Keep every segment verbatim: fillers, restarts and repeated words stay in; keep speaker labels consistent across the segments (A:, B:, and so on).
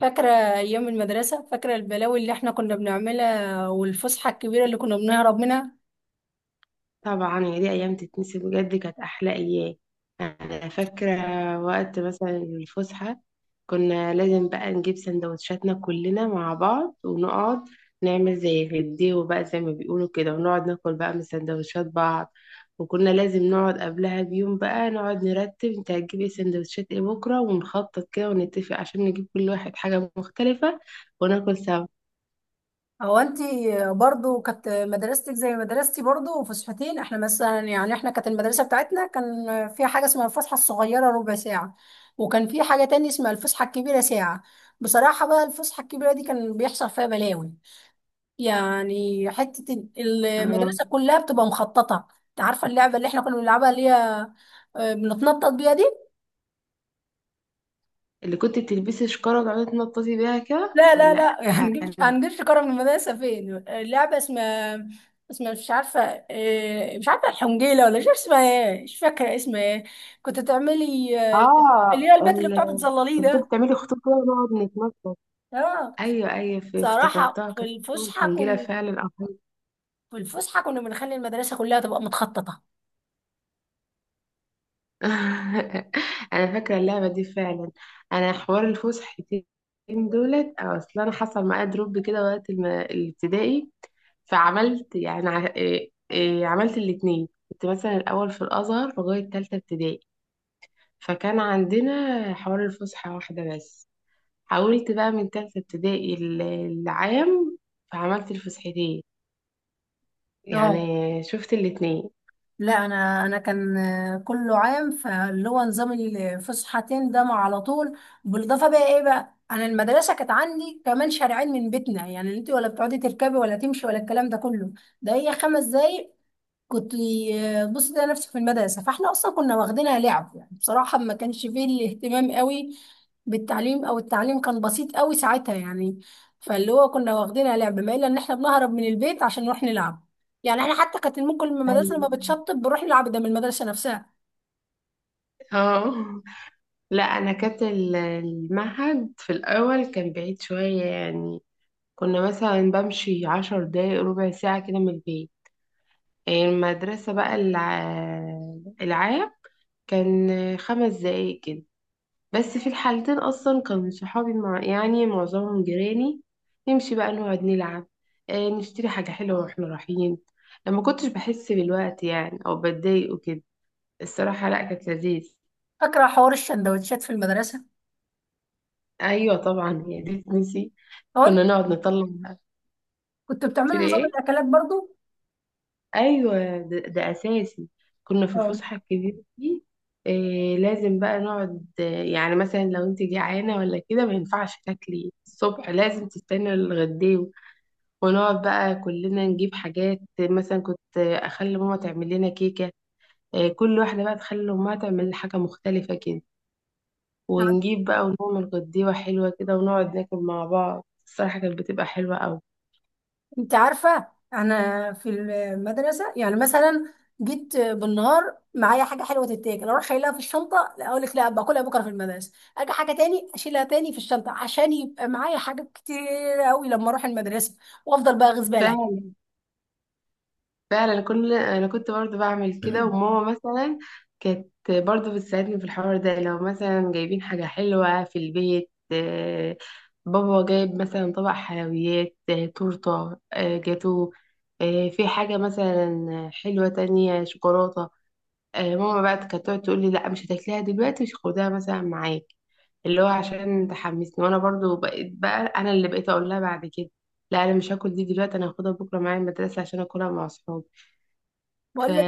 A: فاكرة أيام المدرسة، فاكرة البلاوي اللي احنا كنا بنعملها والفسحة الكبيرة اللي كنا بنهرب منها.
B: طبعا يا دي ايام تتنسي بجد، كانت احلى ايام. انا فاكره وقت مثلا الفسحه، كنا لازم بقى نجيب سندوتشاتنا كلنا مع بعض ونقعد نعمل زي غديو بقى زي ما بيقولوا كده، ونقعد ناكل بقى من سندوتشات بعض. وكنا لازم نقعد قبلها بيوم بقى نقعد نرتب، انت هتجيب ايه؟ سندوتشات ايه بكره؟ ونخطط كده ونتفق عشان نجيب كل واحد حاجه مختلفه وناكل سوا.
A: هو انتي برضو كانت مدرستك زي مدرستي برضو وفسحتين؟ احنا مثلا، يعني احنا كانت المدرسة بتاعتنا كان فيها حاجة اسمها الفسحة الصغيرة ربع ساعة، وكان في حاجة تاني اسمها الفسحة الكبيرة ساعة. بصراحة بقى الفسحة الكبيرة دي كان بيحصل فيها بلاوي، يعني حتة المدرسة
B: اه،
A: كلها بتبقى مخططة. انت عارفة اللعبة اللي احنا كنا بنلعبها اللي هي آه، بنتنطط بيها دي؟
B: اللي كنت بتلبسي شكاره وتقعدي تنططي بيها كده
A: لا، لا،
B: ولا؟
A: لا، هنجيب
B: أنا؟
A: هنجيبش كرة من المدرسة. فين اللعبة اسمها، اسمها مش عارفة؟ إيه، مش عارفة الحنجيلة، ولا مش عارفة اسمها ايه، مش فاكرة اسمها ايه. كنت تعملي آه، اللي
B: اه.
A: هي البيت اللي بتقعدي
B: ال-
A: تظلليه
B: المفروض
A: ده.
B: تعملي خطوط كده ونقعد نتنطط.
A: اه.
B: ايوه، ايوه، في-
A: صراحة
B: افتكرتها
A: في
B: كانت بتعمل
A: الفسحة
B: حنجرة
A: كن
B: فعلا او حاجة.
A: في الفسحة كنا بنخلي المدرسة كلها تبقى متخططة.
B: انا فاكره اللعبه دي فعلا. انا حوار الفسحتين دولت أو اصل انا حصل معايا دروب كده وقت الم- الابتدائي. فعملت يعني ع- إيه- إيه، عملت الاتنين. كنت مثلا الاول في الازهر لغايه تالتة ابتدائي، فكان عندنا حوار الفسحه واحده بس. حاولت بقى من تالتة ابتدائي ال- العام، فعملت الفسحتين، يعني
A: اه.
B: شفت الاتنين.
A: لا، انا انا كان آه، كله عام، فاللي هو نظام الفسحتين ده مع على طول. بالاضافه بقى، ايه بقى، انا المدرسه كانت عندي كمان شارعين من بيتنا، يعني انت ولا بتقعدي تركبي ولا تمشي ولا الكلام ده كله. ده هي خمس دقايق. كنت، بص، ده نفسي في المدرسة، فاحنا أصلا كنا واخدينها لعب يعني. بصراحة ما كانش فيه الاهتمام قوي بالتعليم، أو التعليم كان بسيط قوي ساعتها يعني. فاللي هو كنا واخدينها لعب، ما إلا إن احنا بنهرب من البيت عشان نروح نلعب، يعني احنا حتى كانت ممكن من المدرسة
B: ايوه،
A: لما بتشطب بنروح نلعب، ده من المدرسة نفسها.
B: اه، لا انا كانت ال- المعهد في الاول كان بعيد شوية يعني، كنا مثلا بمشي عشر دقايق ربع ساعة كده من البيت. المدرسة بقى الع- العام كان خمس دقايق كده. بس في الحالتين اصلا كانوا صحابي مع يعني معظمهم جيراني، نمشي بقى نقعد نلعب، آه، نشتري حاجة حلوة واحنا رايحين. لما كنتش بحس بالوقت يعني او بتضايق وكده، الصراحة لا، كانت لذيذ.
A: فاكرة حوار الشندوتشات في المدرسة؟
B: ايوه طبعا هي دي تنسي. كنا
A: هو
B: نقعد نطلع
A: كنتوا
B: في
A: بتعملوا نظام
B: ايه؟
A: الأكلات برضو؟
B: ايوه، ده, ده اساسي. كنا في
A: اه.
B: الفسحة الكبيرة دي إيه، لازم بقى نقعد آه، يعني مثلا لو انت جعانة ولا كده ما ينفعش تاكلي الصبح، لازم تستني الغدا. ونقعد بقى كلنا نجيب حاجات، مثلا كنت اخلي ماما تعمل لنا كيكه، آه، كل واحده بقى تخلي امها تعمل لنا حاجه مختلفه كده، ونجيب بقى ونعمل غديوه حلوه كده ونقعد ناكل مع بعض. الصراحه كانت بتبقى حلوه
A: انت عارفة انا في المدرسة يعني مثلا جيت بالنهار معايا حاجة حلوة تتاكل، اروح شايلها في الشنطة، لا اقول لك لا باكلها بكرة في المدرسة، اجي حاجة تاني اشيلها تاني في الشنطة، عشان يبقى معايا حاجات كتير قوي لما اروح المدرسة، وافضل بقى اغيظ بالي.
B: قوي. فعلا كل انا كنت برضو بعمل كده. وماما مثلا كانت برضو بتساعدني في الحوار ده. لو مثلا جايبين حاجة حلوة في البيت، آه، بابا جايب مثلا طبق حلويات، آه، تورتة، آه، جاتو، آه، في حاجة مثلا حلوة تانية، شوكولاتة، آه، ماما بقى كانت تقعد تقول لي لا مش هتاكليها دلوقتي، مش خدها مثلا معاك، اللي هو عشان تحمسني. وانا برضو بقيت بقى انا اللي بقيت اقول لها بعد كده لا انا مش هاكل دي دلوقتي، انا هاخدها بكره معايا المدرسه عشان اكلها مع اصحابي. ف
A: بقول،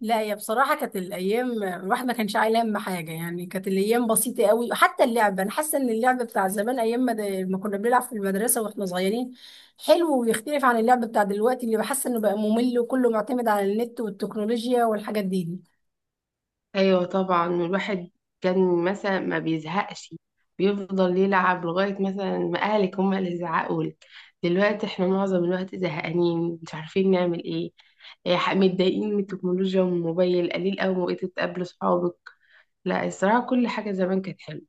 A: لا هي بصراحة كانت الأيام، الواحد ما كانش عايل هم حاجة، يعني كانت الأيام بسيطة قوي. حتى اللعبة، أنا حاسة إن اللعبة بتاع زمان أيام ما, د- ما كنا بنلعب في المدرسة وإحنا صغيرين حلو، ويختلف عن اللعبة بتاع دلوقتي اللي بحس إنه بقى ممل وكله معتمد على النت والتكنولوجيا والحاجات دي.
B: ايوه طبعا. الواحد كان مثلا ما بيزهقش، بيفضل يلعب لغايه مثلا ما اهلك هم اللي يزعقوا لك. دلوقتي احنا معظم الوقت زهقانين مش عارفين نعمل ايه، إيه، ح- متضايقين من التكنولوجيا والموبايل. قليل قوي ما بقيت تقابل صحابك. لا الصراحه كل حاجه زمان كانت حلوه.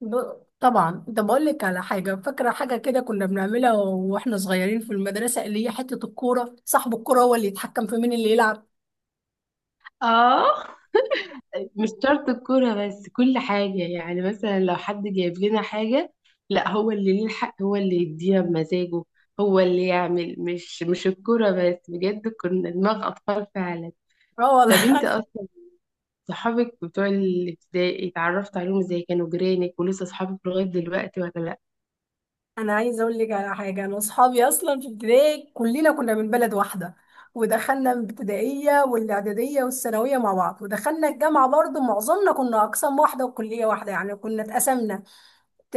A: ب... طبعا، ده بقول لك على حاجة. فاكرة حاجة كده كنا بنعملها وإحنا صغيرين في المدرسة، اللي هي حتة الكورة، صاحب الكورة هو اللي يتحكم في مين اللي يلعب.
B: اه، مش شرط الكورة بس، كل حاجة يعني. مثلا لو حد جايب لنا حاجة، لا هو اللي ليه الحق، هو اللي يديها بمزاجه، هو اللي يعمل. مش مش الكورة بس، بجد كنا دماغ أطفال فعلا. طب
A: اه.
B: انت أصلا صحابك بتوع الابتدائي اتعرفت عليهم ازاي؟ كانوا جيرانك ولسه صحابك لغاية دلوقتي ولا لا؟
A: انا عايزه اقول لك على حاجه. انا واصحابي اصلا في ابتدائي كلنا كنا من بلد واحده، ودخلنا الابتدائيه والاعداديه والثانويه مع بعض، ودخلنا الجامعه برضو، معظمنا كنا اقسام واحده وكليه واحده، يعني كنا اتقسمنا ت-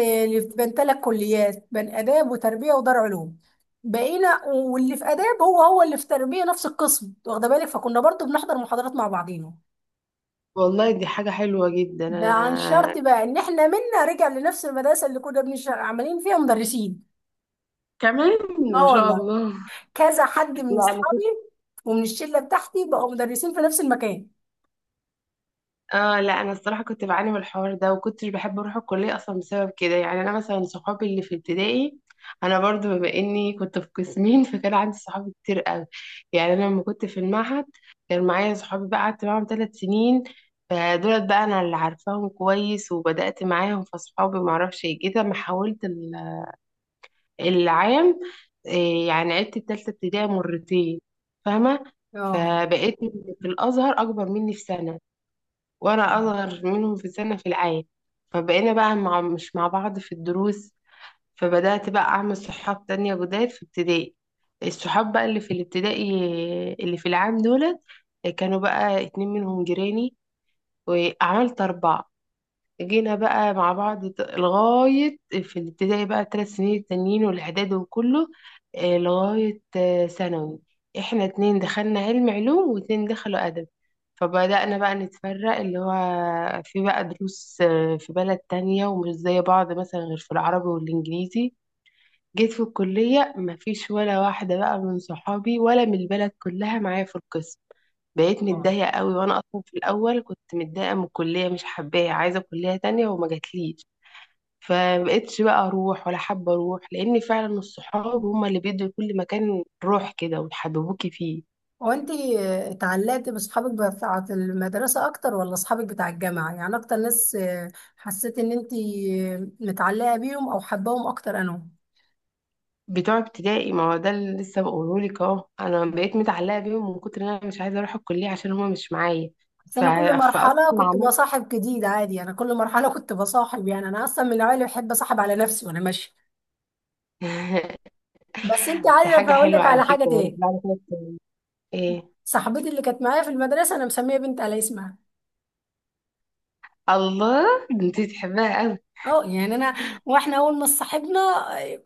A: بين ثلاث كليات، بين اداب وتربيه ودار علوم. بقينا، واللي في اداب هو هو اللي في تربيه، نفس القسم، واخده بالك، فكنا برضو بنحضر محاضرات مع بعضينا.
B: والله دي حاجة حلوة جدا.
A: ده عن
B: أنا
A: شرط بقى ان احنا منا رجع لنفس المدرسه اللي كنا بنش- عاملين فيها مدرسين.
B: كمان، ما
A: اه
B: شاء
A: والله،
B: الله.
A: كذا حد من
B: لا،
A: اصحابي ومن الشله بتاعتي بقوا مدرسين في نفس المكان.
B: اه لا، انا الصراحه كنت بعاني من الحوار ده وكنتش بحب اروح الكليه اصلا بسبب كده. يعني انا مثلا صحابي اللي في ابتدائي، انا برضو بما اني كنت في قسمين فكان عندي صحابي كتير قوي. يعني انا لما كنت في المعهد كان معايا صحابي بقى قعدت معاهم ثلاث سنين، فدولت بقى انا اللي عارفاهم كويس وبدات معاهم. فصحابي ما اعرفش ايه كده، ما حاولت ال- العام. إيه يعني عدت الثالثه ابتدائي مرتين، فاهمه؟
A: اه.
B: فبقيت في الازهر اكبر مني في سنه، وانا اصغر منهم في سنة في العين، فبقينا بقى مع مش مع بعض في الدروس. فبدأت بقى اعمل صحاب تانية جداد في ابتدائي. الصحاب بقى اللي في الابتدائي، اللي في العام دولت، كانوا بقى اتنين منهم جيراني، وعملت اربعة. جينا بقى مع بعض ت- لغاية في الابتدائي بقى الثلاث سنين التانيين والإعدادي وكله، آه، لغاية آه، ثانوي. احنا اتنين دخلنا علم علوم واتنين دخلوا أدب. فبدأنا بقى نتفرق، اللي هو في بقى دروس آه، في بلد تانية ومش زي بعض، مثلا غير في العربي والإنجليزي. جيت في الكلية مفيش ولا واحدة بقى من صحابي ولا من البلد كلها معايا في القسم. بقيت
A: اه.
B: متضايقة قوي، وانا اصلا في الاول كنت متضايقة من الكلية، مش حباها، عايزة كلية تانية وما جاتليش. فمبقتش بقى اروح ولا حابة اروح، لان فعلا الصحاب هما اللي بيدوا لكل مكان روح كده ويحببوكي فيه.
A: هو انت اتعلقت باصحابك بتاعه المدرسه اكتر ولا اصحابك بتاع الجامعه؟ يعني اكتر ناس آه، حسيت ان انت آه، متعلقه بيهم او حباهم اكتر. انا،
B: بتوع ابتدائي، ما هو ده اللي لسه بقولهولك اهو. انا بقيت متعلقة بيهم من كتر ان انا مش عايزة اروح الكلية عشان هما مش معايا.
A: بس
B: ف...
A: انا كل
B: فاصلا
A: مرحله كنت
B: عملت
A: بصاحب جديد عادي، انا كل مرحله كنت بصاحب، يعني انا اصلا من النوعيه اللي بحب اصاحب على نفسي وانا ماشيه. بس انت
B: ده حاجة
A: عارفه، اقول
B: حلوة
A: لك
B: على
A: على حاجه
B: فكرة،
A: تاني.
B: يعني بعد كده ايه.
A: صاحبتي اللي كانت معايا في المدرسه انا مسميه بنت على اسمها.
B: الله، ده انتي تحبها قوي.
A: اه يعني انا، واحنا اول ما صاحبنا،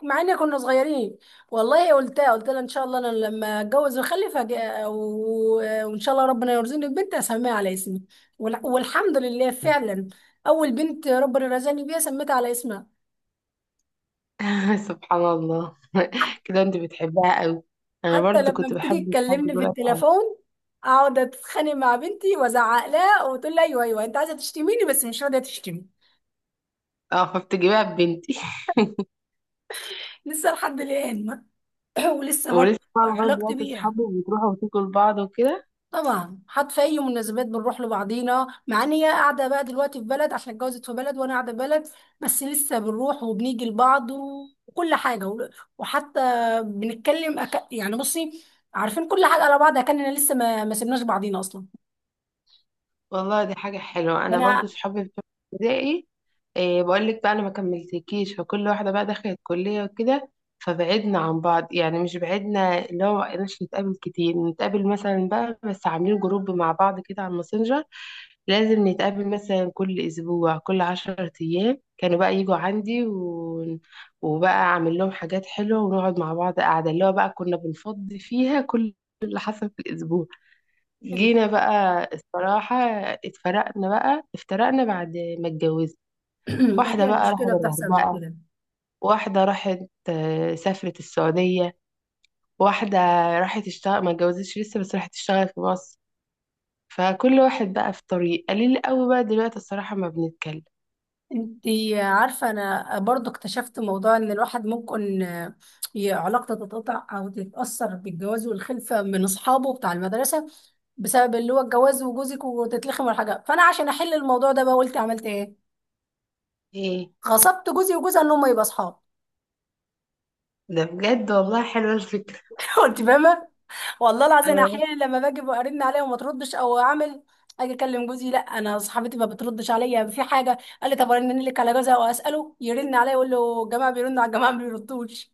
A: مع ان كنا صغيرين، والله قلتها قلت لها ان شاء الله انا لما اتجوز واخلف، هج- و- وان شاء الله ربنا يرزقني ببنت اسميها على اسمي. وال- والحمد لله، فعلا اول بنت ربنا رزقني بيها سميتها على اسمها.
B: سبحان الله.
A: ح-
B: كده انت بتحبها قوي. انا
A: حتى
B: برضو
A: لما
B: كنت
A: بتيجي
B: بحب اصحابي
A: تكلمني في
B: دول قوي.
A: التليفون، اقعد اتخانق مع بنتي وازعق لها، وتقول لي: ايوه، ايوه، انت عايزه تشتميني بس مش راضيه تشتمي.
B: اه، فبتجيبها ببنتي.
A: لسه لحد الان. ولسه برضه
B: ولسه بقى لغايه
A: علاقتي
B: دلوقتي
A: بيها،
B: اصحابي بتروحوا وتاكل بعض وكده.
A: طبعا حتى في اي مناسبات بنروح لبعضينا، مع ان هي قاعده بقى دلوقتي في بلد عشان اتجوزت في بلد وانا قاعده في بلد، بس لسه بنروح وبنيجي لبعض و- وكل حاجه و- وحتى بنتكلم أك... يعني بصي، عارفين كل حاجه على بعض، كاننا لسه ما... ما سيبناش بعضينا اصلا.
B: والله دي حاجه حلوه. انا برضو
A: انا
B: صحابي بتوع ابتدائي، إيه بقول لك بقى، انا ما كملتكيش. فكل واحده بقى دخلت كليه وكده، فبعدنا عن بعض. يعني مش بعدنا، اللي هو مبقناش نتقابل كتير. نتقابل مثلا بقى، بس عاملين جروب مع بعض كده على الماسنجر. لازم نتقابل مثلا كل أسبوع كل عشرة أيام. كانوا بقى يجوا عندي و... وبقى أعمل لهم حاجات حلوة ونقعد مع بعض قاعدة، اللي هو بقى كنا بنفضي فيها كل اللي حصل في الأسبوع. جينا بقى الصراحة اتفرقنا بقى افترقنا بعد ما اتجوزنا. واحدة
A: هي
B: بقى راحت
A: المشكله بتحصل من
B: الغردقة،
A: كده.
B: واحدة راحت، آه، سافرت السعودية، واحدة راحت اشتغل، ما اتجوزتش لسه بس راحت تشتغل في مصر. فكل واحد بقى في طريق. قليل قوي بقى دلوقتي الصراحة ما بنتكلم.
A: انتي عارفة انا برضو اكتشفت موضوع ان الواحد ممكن آه، ي- علاقته تتقطع او تتأثر بالجواز والخلفة من اصحابه بتاع المدرسة، بسبب اللي هو الجواز وجوزك وتتلخم والحاجة. فانا عشان احل الموضوع ده بقى، قلت عملت ايه؟
B: ايه
A: غصبت جوزي وجوزها ان هم يبقى اصحاب.
B: ده؟ بجد والله حلوة الفكرة.
A: كنت فاهمة، والله العظيم
B: اه
A: احيانا لما باجي برن عليها وما تردش، او اعمل اجي اكلم جوزي، لا انا صاحبتي ما بتردش عليا في حاجه، قال لي: طب ارن لك على جوزها واساله يرن عليا، يقول له الجماعه بيرنوا على الجماعه ما بيردوش.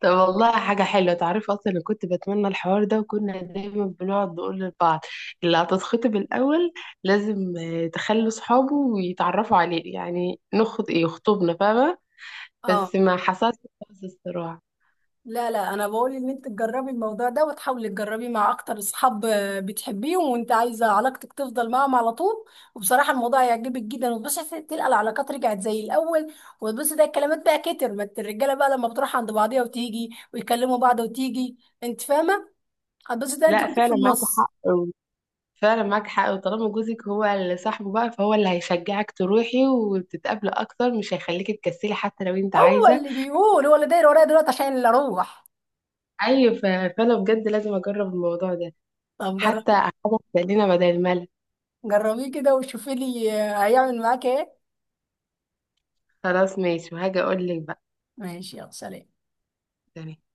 B: طب والله حاجة حلوة. تعرفي أصلا أنا كنت بتمنى الحوار ده، وكنا دايما بنقعد نقول لبعض اللي هتتخطب الأول لازم آه، تخلي صحابه ويتعرفوا عليه، يعني نخط إيه، يخطبنا، فاهمة؟
A: اه.
B: بس ما حصلش خالص الصراع.
A: لا، لا، انا بقول ان انت تجربي الموضوع ده، وتحاولي تجربيه مع اكتر اصحاب آه، بتحبيهم وانت عايزه علاقتك تفضل معاهم على طول. وبصراحه الموضوع هيعجبك جدا، وتبصي هت- تلقى العلاقات رجعت زي الاول. وتبصي، ده الكلمات بقى، كتر ما الت- الرجاله بقى لما بتروح عند بعضيها وتيجي ويكلموا بعض وتيجي، انت فاهمه؟ هتبصي ده انت
B: لا
A: كنت في
B: فعلا معاك
A: النص.
B: حق، فعلا معاك حق. وطالما جوزك هو اللي صاحبه بقى، فهو اللي هيشجعك تروحي وتتقابلي أكتر، مش هيخليكي تكسلي حتى لو أنت
A: هو
B: عايزة.
A: اللي بيقول، هو اللي داير ورايا دلوقتي عشان اللي اروح.
B: أيوة ف- فأنا بجد لازم أجرب الموضوع ده،
A: طب
B: حتى
A: جربي،
B: حاجة تسلينا بدل الملل.
A: جربيه كده وشوفي لي آه، هيعمل معاك ايه.
B: خلاص ماشي، وهاجي أقول لك بقى.
A: ماشي، يلا سلام.
B: تمام.